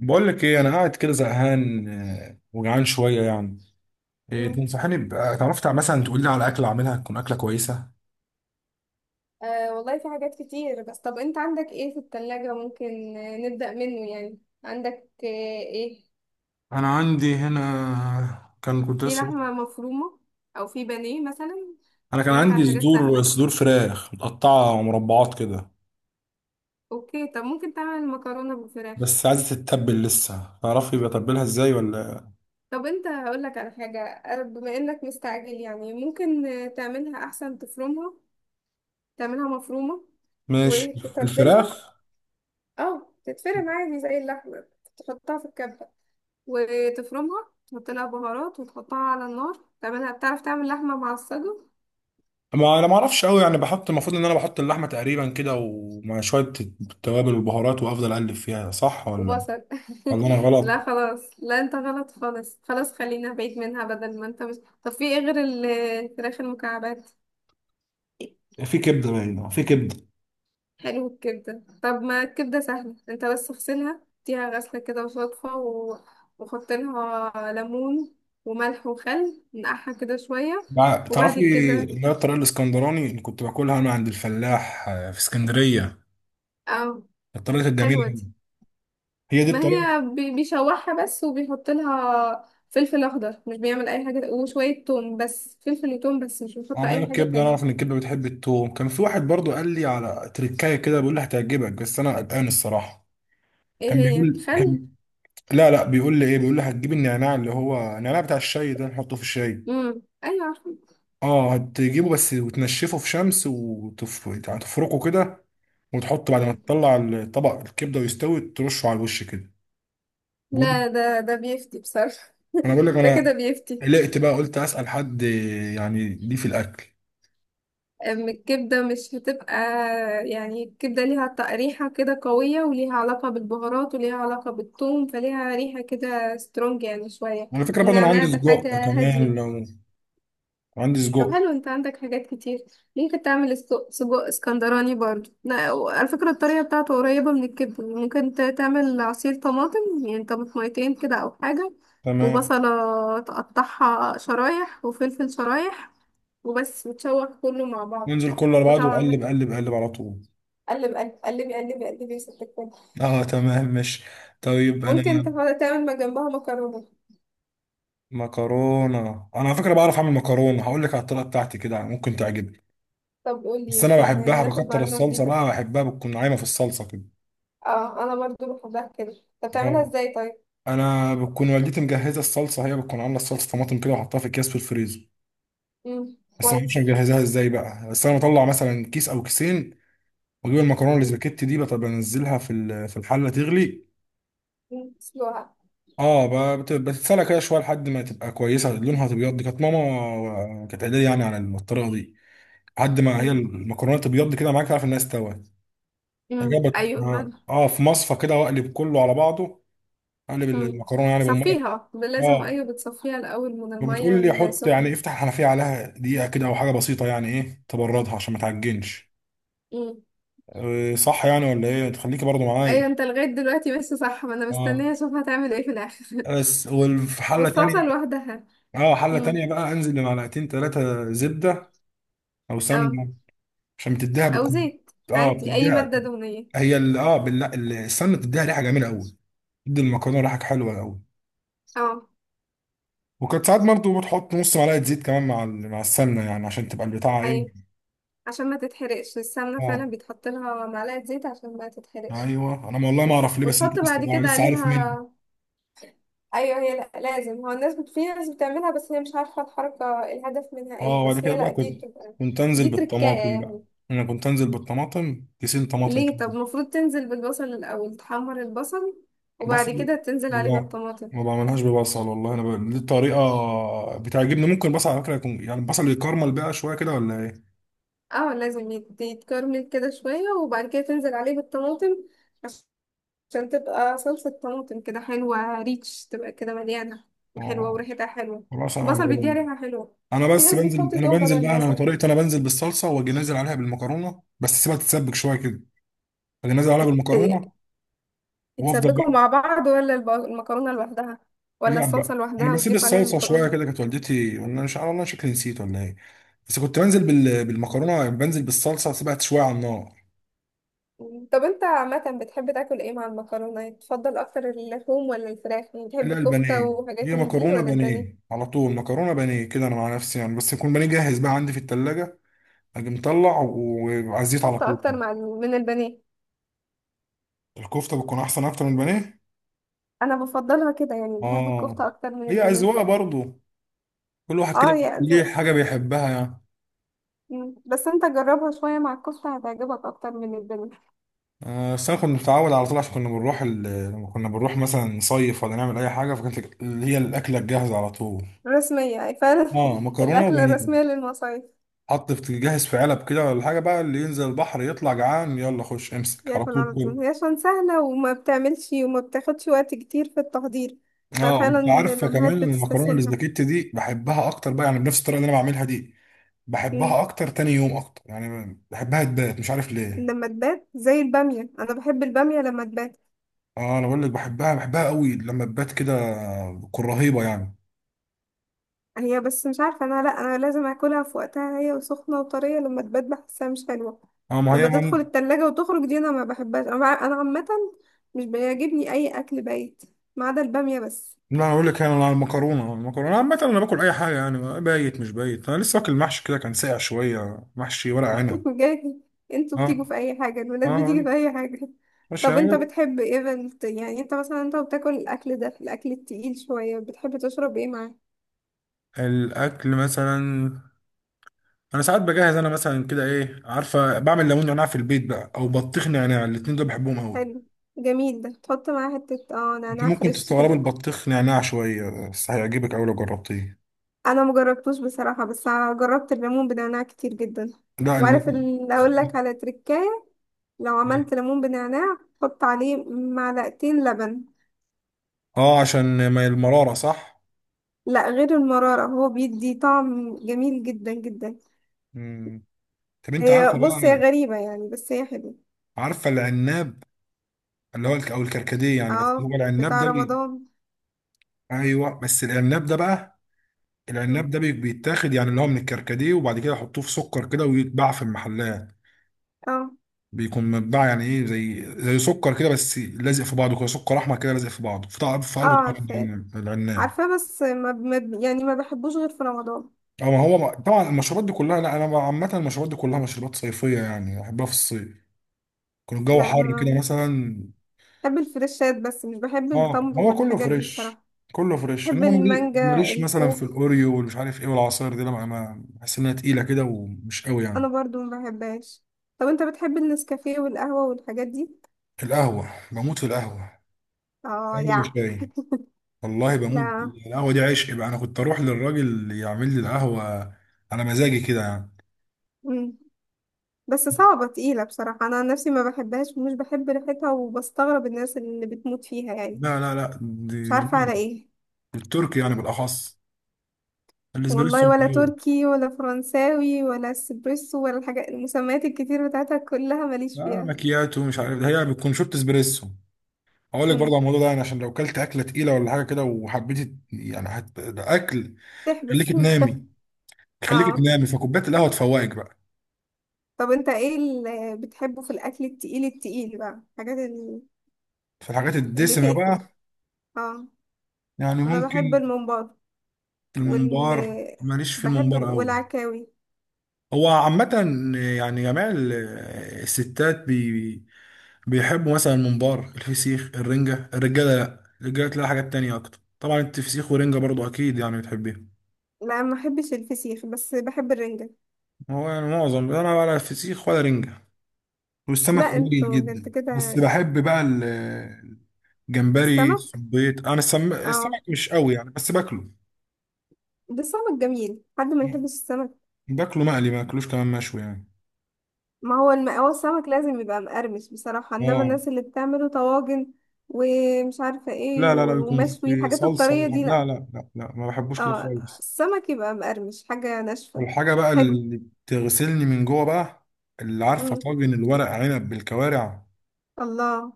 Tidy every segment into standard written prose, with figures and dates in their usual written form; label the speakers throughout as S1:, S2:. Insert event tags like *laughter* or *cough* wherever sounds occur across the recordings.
S1: بقول لك ايه، انا قاعد كده زهقان، وجعان شويه يعني. إيه
S2: مم.
S1: تنصحني بقى؟ تعرف مثلا تقول لي على اكله اعملها تكون اكله كويسه.
S2: آه والله في حاجات كتير، بس طب انت عندك ايه في التلاجة؟ ممكن نبدأ منه. يعني عندك ايه
S1: انا عندي هنا كان كنت
S2: في
S1: لسه.
S2: لحمة مفرومة او في بانيه مثلا؟
S1: انا كان
S2: يقول لك
S1: عندي
S2: على حاجات
S1: صدور
S2: سهلة.
S1: صدور فراخ متقطعه مربعات كده،
S2: اوكي، طب ممكن تعمل مكرونة بالفراخ.
S1: بس عايزه تتبل لسه، تعرفي بتبلها ازاي ولا؟
S2: طب انت هقول لك على حاجة، بما انك مستعجل يعني، ممكن تعملها احسن تفرمها، تعملها مفرومة
S1: ماشي،
S2: وتتبلها.
S1: الفراخ.
S2: اه، تتفرم عادي زي اللحمة، تحطها في الكبة وتفرمها، تحط لها بهارات وتحطها على النار، تعملها بتعرف تعمل لحمة معصجة
S1: ما انا ما اعرفش قوي يعني، بحط المفروض ان انا بحط اللحمه تقريبا كده، ومع شويه التوابل والبهارات وافضل اقلب فيها، صح ولا؟
S2: وبصل.
S1: ولا انا
S2: *laughs* لا
S1: غلط؟
S2: خلاص، لا انت غلط خالص، خلاص خلينا بعيد منها بدل ما انت مش. طب في ايه غير الفراخ المكعبات؟
S1: في كبده باينه، في كبده
S2: حلو الكبدة، طب ما الكبدة سهلة، انت بس اغسلها، اديها غسلة كده وصدفة و... وحط لها ليمون وملح وخل، نقعها كده شوية
S1: تعرفي
S2: وبعد كده.
S1: اللي هي الطريقة الاسكندراني اللي كنت باكلها انا عند الفلاح في اسكندرية،
S2: اه،
S1: الطريقة الجميلة
S2: حلوة دي.
S1: أوي. هي دي
S2: ما
S1: الطريقة.
S2: هي بيشوحها بس، وبيحط لها فلفل اخضر، مش بيعمل اي حاجه، وشويه توم، بس فلفل وتوم، بس مش بيحط
S1: عملنا
S2: اي حاجه
S1: الكبدة، انا اعرف ان
S2: تانية.
S1: الكبدة بتحب التوم. كان في واحد برضو قال لي على تركاية كده، بيقول لي هتعجبك، بس انا قلقان الصراحة.
S2: ايه
S1: كان
S2: هي؟
S1: بيقول،
S2: خل.
S1: لا لا، بيقول لي ايه، بيقول لي هتجيب النعناع اللي هو النعناع بتاع الشاي ده نحطه في الشاي.
S2: امم، ايوه عارفة.
S1: اه، هتجيبه بس وتنشفه في شمس يعني تفركه كده، وتحطه بعد ما
S2: مم.
S1: تطلع الطبق الكبدة ويستوي ترشه على الوش كده. بيقول،
S2: لا، ده ده بيفتي بصراحه.
S1: انا بقول لك
S2: *laughs* ده
S1: انا
S2: كده بيفتي.
S1: قلقت بقى، قلت اسال حد يعني ليه في الاكل؟
S2: أم الكبده مش هتبقى، يعني الكبده ليها ريحه كده قويه، وليها علاقه بالبهارات وليها علاقه بالثوم، فليها ريحه كده سترونج يعني شويه.
S1: على فكره برضه انا
S2: النعناع
S1: عندي
S2: ده
S1: سجق
S2: حاجه
S1: كمان،
S2: هاديه.
S1: لو عندي
S2: طب
S1: سجق.
S2: حلو، انت عندك حاجات كتير. ممكن تعمل سجق اسكندراني برضو. لا، على فكرة الطريقة بتاعته قريبة من الكبدة. ممكن تعمل عصير طماطم، يعني طماطميتين كده او حاجة،
S1: تمام،
S2: وبصلة تقطعها شرايح، وفلفل شرايح، وبس، وتشوح كله مع بعضه.
S1: ننزل كله على بعضه
S2: وطبعا
S1: وقلب
S2: ملح.
S1: قلب قلب على طول.
S2: قلب قلب قلبي قلبي قلبي يا ست الكل.
S1: اه تمام ماشي. طيب انا،
S2: ممكن تعمل ما جنبها مكرونة.
S1: مكرونه. انا على فكره بعرف اعمل مكرونه، هقول لك على الطريقه بتاعتي كده، ممكن تعجبك.
S2: طب قولي
S1: بس انا
S2: يمكن
S1: بحبها
S2: ناخد
S1: بكتر
S2: معلومة
S1: الصلصه
S2: جديدة.
S1: بقى، بحبها بتكون عايمه في الصلصه كده.
S2: اه، انا برضو بحبها كده. طب تعملها
S1: اه،
S2: ازاي طيب؟
S1: انا بتكون والدتي مجهزه الصلصه، هي بتكون عامله الصلصه طماطم كده وحطها في اكياس في الفريزر.
S2: مم.
S1: بس ما اعرفش
S2: كويس.
S1: مجهزاها ازاي بقى، بس انا بطلع مثلا كيس او كيسين واجيب المكرونه الاسباجيتي دي، بطب بنزلها في في الحله تغلي.
S2: مم. سلوها.
S1: اه، بتتسلق كده شويه لحد ما تبقى كويسه لونها تبيض. دي كانت ماما كانت قايله لي يعني على الطريقه دي، لحد ما هي
S2: مم.
S1: المكرونه تبيض كده معاك تعرف انها استوت.
S2: مم.
S1: جابت
S2: ايوه فعلا.
S1: في مصفى كده، واقلب كله على بعضه، اقلب
S2: مم.
S1: المكرونه يعني بالميه.
S2: صفيها لازم،
S1: اه،
S2: ايوه، بتصفيها الاول من الميه
S1: وبتقول لي حط يعني
S2: السخنه.
S1: افتح الحنفيه عليها دقيقه كده او حاجه بسيطه يعني ايه، تبردها عشان ما تعجنش.
S2: مم.
S1: صح يعني ولا ايه؟ تخليكي برضو معايا.
S2: ايوه انت لغايه دلوقتي بس صح، ما انا
S1: اه
S2: مستنيه اشوف هتعمل ايه في الاخر. *laughs*
S1: بس، وفي حله تانية.
S2: والصلصه لوحدها.
S1: اه حلة
S2: مم.
S1: تانية بقى، انزل بمعلقتين ثلاثة زبدة او
S2: اه.
S1: سمنة، عشان بتديها
S2: او
S1: بتكون.
S2: زيت
S1: اه
S2: عادي، اي
S1: بتديها،
S2: ماده دهنيه.
S1: هي ال... اه بال... ال- السمنة بتديها ريحة جميلة قوي، بتدي المكرونة ريحة حلوة قوي.
S2: اه.
S1: وكانت ساعات برضه بتحط نص معلقة زيت كمان مع مع السمنة يعني عشان تبقى البتاعة ايه.
S2: ايوه، عشان ما تتحرقش السمنه، فعلا
S1: اه
S2: بيتحط لها معلقه زيت عشان ما تتحرقش.
S1: ايوه، انا والله ما
S2: بس
S1: اعرف ليه، بس انت
S2: وتحط
S1: لسه
S2: بعد
S1: بقى
S2: كده
S1: لسه عارف مني.
S2: عليها. ايوه، هي لا لازم، هو الناس في ناس بتعملها بس هي مش عارفه الحركه الهدف منها
S1: اه،
S2: ايه،
S1: وبعد
S2: بس
S1: كده
S2: هي
S1: بقى
S2: لا، دي
S1: كنت،
S2: بتبقى
S1: انزل
S2: دي تركايه
S1: بالطماطم بقى.
S2: يعني.
S1: انا كنت انزل بالطماطم كيسين طماطم
S2: ليه؟
S1: كده.
S2: طب المفروض تنزل بالبصل الاول، تحمر البصل وبعد
S1: بصل،
S2: كده تنزل عليه
S1: لا
S2: بالطماطم.
S1: ما بعملهاش ببصل والله. انا دي الطريقه بتعجبني. ممكن بصل على فكره يكون، يعني البصل يكرمل بقى شويه كده ولا ايه؟
S2: اه لازم يتكرمل كده شويه، وبعد كده تنزل عليه بالطماطم. عش- عشان تبقى صلصه طماطم كده حلوه، ريتش، تبقى كده مليانه وحلوه
S1: اه
S2: وريحتها حلوه.
S1: خلاص، انا
S2: البصل بيديها
S1: هجربه.
S2: ريحه حلوه.
S1: انا
S2: في
S1: بس
S2: ناس
S1: بنزل،
S2: بتحط توم بدل
S1: انا عن
S2: البصل.
S1: طريقتي، انا بنزل بالصلصه واجي نازل عليها بالمكرونه، بس سيبها تتسبك شويه كده، اجي نازل عليها بالمكرونه وافضل
S2: بتسبكوا
S1: بقى.
S2: مع بعض، ولا المكرونة لوحدها، ولا
S1: لا بقى،
S2: الصلصة
S1: انا
S2: لوحدها
S1: بسيب
S2: وتضيف عليها
S1: الصلصه شويه كده.
S2: المكرونة؟
S1: كانت والدتي، وانا مش عارف والله شكلي نسيت ولا ايه، بس كنت بنزل بالمكرونه يعني، بنزل بالصلصه سيبها شويه على النار.
S2: مم. طب انت عامة بتحب تاكل ايه مع المكرونة؟ تفضل اكتر اللحوم ولا الفراخ؟ يعني بتحب
S1: لا
S2: كفتة
S1: البانيه،
S2: وحاجات
S1: هي
S2: من دي،
S1: مكرونه
S2: ولا
S1: بانيه
S2: البانيه؟
S1: على طول، مكرونه بانيه كده انا مع نفسي يعني، بس يكون بانيه جاهز بقى عندي في التلاجة، اجي مطلع وعلى الزيت على
S2: كفتة
S1: طول.
S2: اكتر مع من البانيه.
S1: الكفته بتكون احسن اكتر من البانيه.
S2: انا بفضلها كده، يعني بحب
S1: اه،
S2: الكفتة اكتر من
S1: هي
S2: البانيه.
S1: اذواق برضو، كل واحد
S2: اه
S1: كده
S2: يا
S1: ليه حاجه بيحبها يعني.
S2: مم. بس انت جربها شوية مع الكفتة، هتعجبك اكتر من البانيه.
S1: بس انا كنت متعود على طول، عشان كنا بنروح لما كنا بنروح مثلا نصيف ولا نعمل اي حاجه، فكانت اللي هي الاكله الجاهزه على طول.
S2: رسمية يعني فعلا.
S1: اه
S2: *laughs*
S1: مكرونه
S2: الاكل
S1: وبانيه،
S2: الرسمية للمصايف.
S1: حط في جاهز في علب كده ولا حاجه بقى، اللي ينزل البحر يطلع جعان يلا خش امسك على
S2: ياكل
S1: طول
S2: على طول،
S1: كل.
S2: هي عشان سهلة وما بتعملش وما بتاخدش وقت كتير في التحضير.
S1: اه،
S2: ففعلا
S1: انت عارفه كمان
S2: الأمهات
S1: المكرونه
S2: بتستسهلها.
S1: الاسباجيتي دي بحبها اكتر بقى يعني، بنفس الطريقه اللي انا بعملها دي.
S2: مم.
S1: بحبها اكتر تاني يوم اكتر يعني، بحبها تبات مش عارف ليه.
S2: لما تبات زي البامية، أنا بحب البامية لما تبات.
S1: اه انا بقول لك، بحبها قوي لما تبات كده، بتكون رهيبه يعني.
S2: هي بس مش عارفة، أنا لأ، أنا لازم أكلها في وقتها هي وسخنة وطرية، لما تبات بحسها مش حلوة.
S1: اه ما هي
S2: لما تدخل التلاجة وتخرج دي، أنا ما بحبهاش أنا. أنا عامة مش بيعجبني أي أكل بايت، ما عدا البامية بس.
S1: لا انا اقول لك، انا على المكرونه. المكرونه عامه انا باكل اي حاجه يعني، بايت مش بايت. انا لسه واكل محشي كده كان ساقع شويه، محشي ورق عنب.
S2: بجد؟ انتوا
S1: اه
S2: بتيجوا في اي حاجة؟ الولاد بتيجي
S1: اه
S2: في اي حاجة؟
S1: ماشي
S2: طب انت
S1: يعني.
S2: بتحب ايه بنت، يعني انت مثلا انت بتاكل الاكل ده الاكل التقيل شوية، بتحب تشرب ايه معاه؟
S1: الاكل مثلا، انا ساعات بجهز انا مثلا كده ايه عارفه، بعمل ليمون نعناع في البيت بقى او بطيخ نعناع، الاتنين دول بحبهم قوي.
S2: حلو. جميل ده، تحط معاه حتة اه
S1: انت
S2: نعناع
S1: ممكن
S2: فريش
S1: تستغرب
S2: كده.
S1: البطيخ نعناع شويه، بس هيعجبك قوي لو جربتيه.
S2: انا مجربتوش بصراحة، بس جربت الليمون بنعناع كتير جدا.
S1: لا
S2: وعارف اللي اقول لك
S1: *laughs*
S2: على تركاية، لو عملت ليمون بنعناع حط عليه معلقتين لبن.
S1: اه عشان ما المراره، صح.
S2: لا غير المرارة، هو بيدي طعم جميل جدا جدا.
S1: مم. طب انت
S2: هي
S1: عارفه
S2: بص هي
S1: بقى؟
S2: غريبة يعني، بس هي حلوة.
S1: عارفه العناب، اللي هو او الكركديه يعني، بس
S2: اه،
S1: هو العناب
S2: بتاع
S1: ده
S2: رمضان.
S1: ايوه بس العناب ده بقى، العناب
S2: مم.
S1: ده بيتاخد يعني اللي هو من الكركديه، وبعد كده يحطوه في سكر كده ويتباع في المحلات.
S2: اه.
S1: بيكون مبدع يعني ايه، زي زي سكر كده بس لازق في بعضه كده، سكر احمر كده لازق في بعضه، في طعم في
S2: اه
S1: قلبه طعم
S2: عارفاه،
S1: العناب العناب.
S2: عارفاه، بس ما ب... ما ب... يعني ما بحبوش غير في رمضان.
S1: اه ما هو طبعا المشروبات دي كلها، لا انا عامه المشروبات دي كلها مشروبات صيفيه يعني، بحبها في الصيف يكون الجو
S2: لا انا
S1: حر كده
S2: ما
S1: مثلا.
S2: بحب الفريشات، بس مش بحب
S1: اه
S2: التمر
S1: هو كله
S2: والحاجات دي
S1: فريش،
S2: بصراحة.
S1: كله فريش.
S2: بحب
S1: انما
S2: المانجا،
S1: ماليش مثلا في
S2: الخوخ
S1: الاوريو والمش عارف ايه والعصاير دي، لما ما بحس انها تقيله كده ومش قوي يعني.
S2: انا برضو ما بحبهاش. طب انت بتحب النسكافيه والقهوة والحاجات دي؟
S1: القهوه، بموت في القهوه،
S2: اه
S1: قهوه
S2: يا.
S1: وشاي والله بموت.
S2: لا.
S1: القهوة دي عشق بقى، انا كنت اروح للراجل اللي يعمل لي القهوة على مزاجي كده يعني.
S2: مم. بس صعبة تقيلة بصراحة، انا عن نفسي ما بحبهاش، ومش بحب ريحتها، وبستغرب الناس اللي بتموت فيها يعني.
S1: لا لا لا،
S2: مش
S1: دي
S2: عارفة
S1: جميل،
S2: على ايه.
S1: التركي يعني بالاخص، الاسبريسو
S2: والله
S1: مش
S2: ولا
S1: عيب.
S2: تركي ولا فرنساوي ولا اسبريسو ولا الحاجات المسميات الكتير بتاعتها، كلها ماليش
S1: لا
S2: فيها.
S1: مكياتو مش عارف ده، هي بتكون شورت اسبريسو. اقول لك برضه
S2: امم.
S1: على الموضوع ده يعني، عشان لو كلت اكله تقيله ولا حاجه كده وحبيت يعني ده اكل، خليك
S2: تحبس. *laughs*
S1: تنامي، خليك
S2: اه.
S1: تنامي، فكوبايه القهوه تفوقك بقى.
S2: طب انت ايه اللي بتحبه في الاكل التقيل التقيل بقى، الحاجات
S1: فالحاجات
S2: اللي
S1: الدسمه
S2: تقفل؟
S1: بقى
S2: اه،
S1: يعني
S2: انا بحب
S1: ممكن،
S2: الممبار. وال
S1: الممبار ماليش في الممبار قوي.
S2: والعكاوي.
S1: هو عامة يعني جميع الستات بيحبوا مثلا الممبار، الفسيخ، الرنجة. الرجالة لا، الرجالة تلاقي حاجات تانية أكتر طبعا. انت فسيخ ورنجة برضو أكيد يعني بتحبيها.
S2: لا ما بحبش الفسيخ، بس بحب الرنجة.
S1: هو يعني معظم، أنا ولا فسيخ ولا رنجة، والسمك
S2: لا
S1: قليل
S2: انتوا بجد
S1: جدا. بس
S2: كده؟
S1: بحب بقى الجمبري
S2: السمك.
S1: الصبيط. أنا السمك
S2: اه.
S1: مش قوي يعني بس باكله.
S2: ده السمك جميل، حد ما يحبش السمك؟
S1: باكله مقلي، ما باكلوش كمان مشوي يعني.
S2: ما هو الم... هو السمك لازم يبقى مقرمش بصراحة، انما
S1: اه
S2: الناس اللي بتعمله طواجن ومش عارفة
S1: لا
S2: ايه
S1: لا لا، بيكون
S2: ومشوي،
S1: في
S2: الحاجات
S1: صلصة
S2: الطرية دي لا.
S1: لا لا لا لا، ما بحبوش كده
S2: اه،
S1: خالص.
S2: السمك يبقى مقرمش، حاجة ناشفة.
S1: والحاجة بقى
S2: حلو.
S1: اللي بتغسلني من جوه بقى، اللي عارفة
S2: مم.
S1: طاجن الورق عنب بالكوارع،
S2: الله.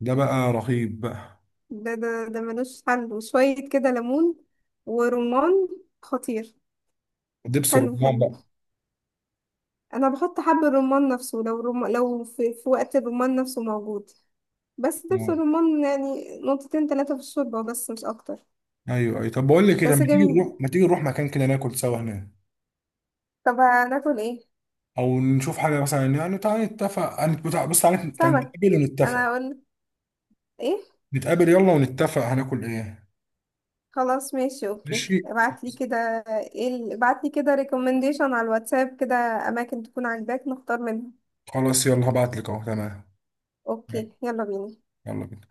S1: ده بقى رهيب بقى،
S2: ده ملوش حل، وشوية كده ليمون ورمان، خطير.
S1: ودبس
S2: حلو
S1: الرمان
S2: حلو.
S1: بقى.
S2: انا بحط حب الرمان نفسه، لو رم... لو في... في وقت الرمان نفسه موجود. بس دبس
S1: آه.
S2: الرمان يعني نقطتين تلاتة في الشوربة، بس مش اكتر.
S1: ايوه ايوه، طب بقول لك ايه، طب
S2: بس
S1: ما تيجي
S2: جميل.
S1: نروح، مكان كده ناكل سوا هناك،
S2: طب هناكل ايه؟
S1: او نشوف حاجة مثلا يعني. تعالى نتفق، أنا- بتاع- بص تعالى تعالى
S2: سمك.
S1: نتقابل
S2: انا
S1: ونتفق،
S2: هقول ايه؟
S1: نتقابل يلا ونتفق هناكل ايه.
S2: خلاص ماشي، اوكي،
S1: ماشي،
S2: ابعتلي كده. ايه ابعتلي كده ريكومنديشن على الواتساب كده، اماكن تكون عاجباك نختار منها.
S1: خلاص يلا هبعت لك اهو تمام. يلا،
S2: اوكي، يلا بينا.
S1: يلا بينا.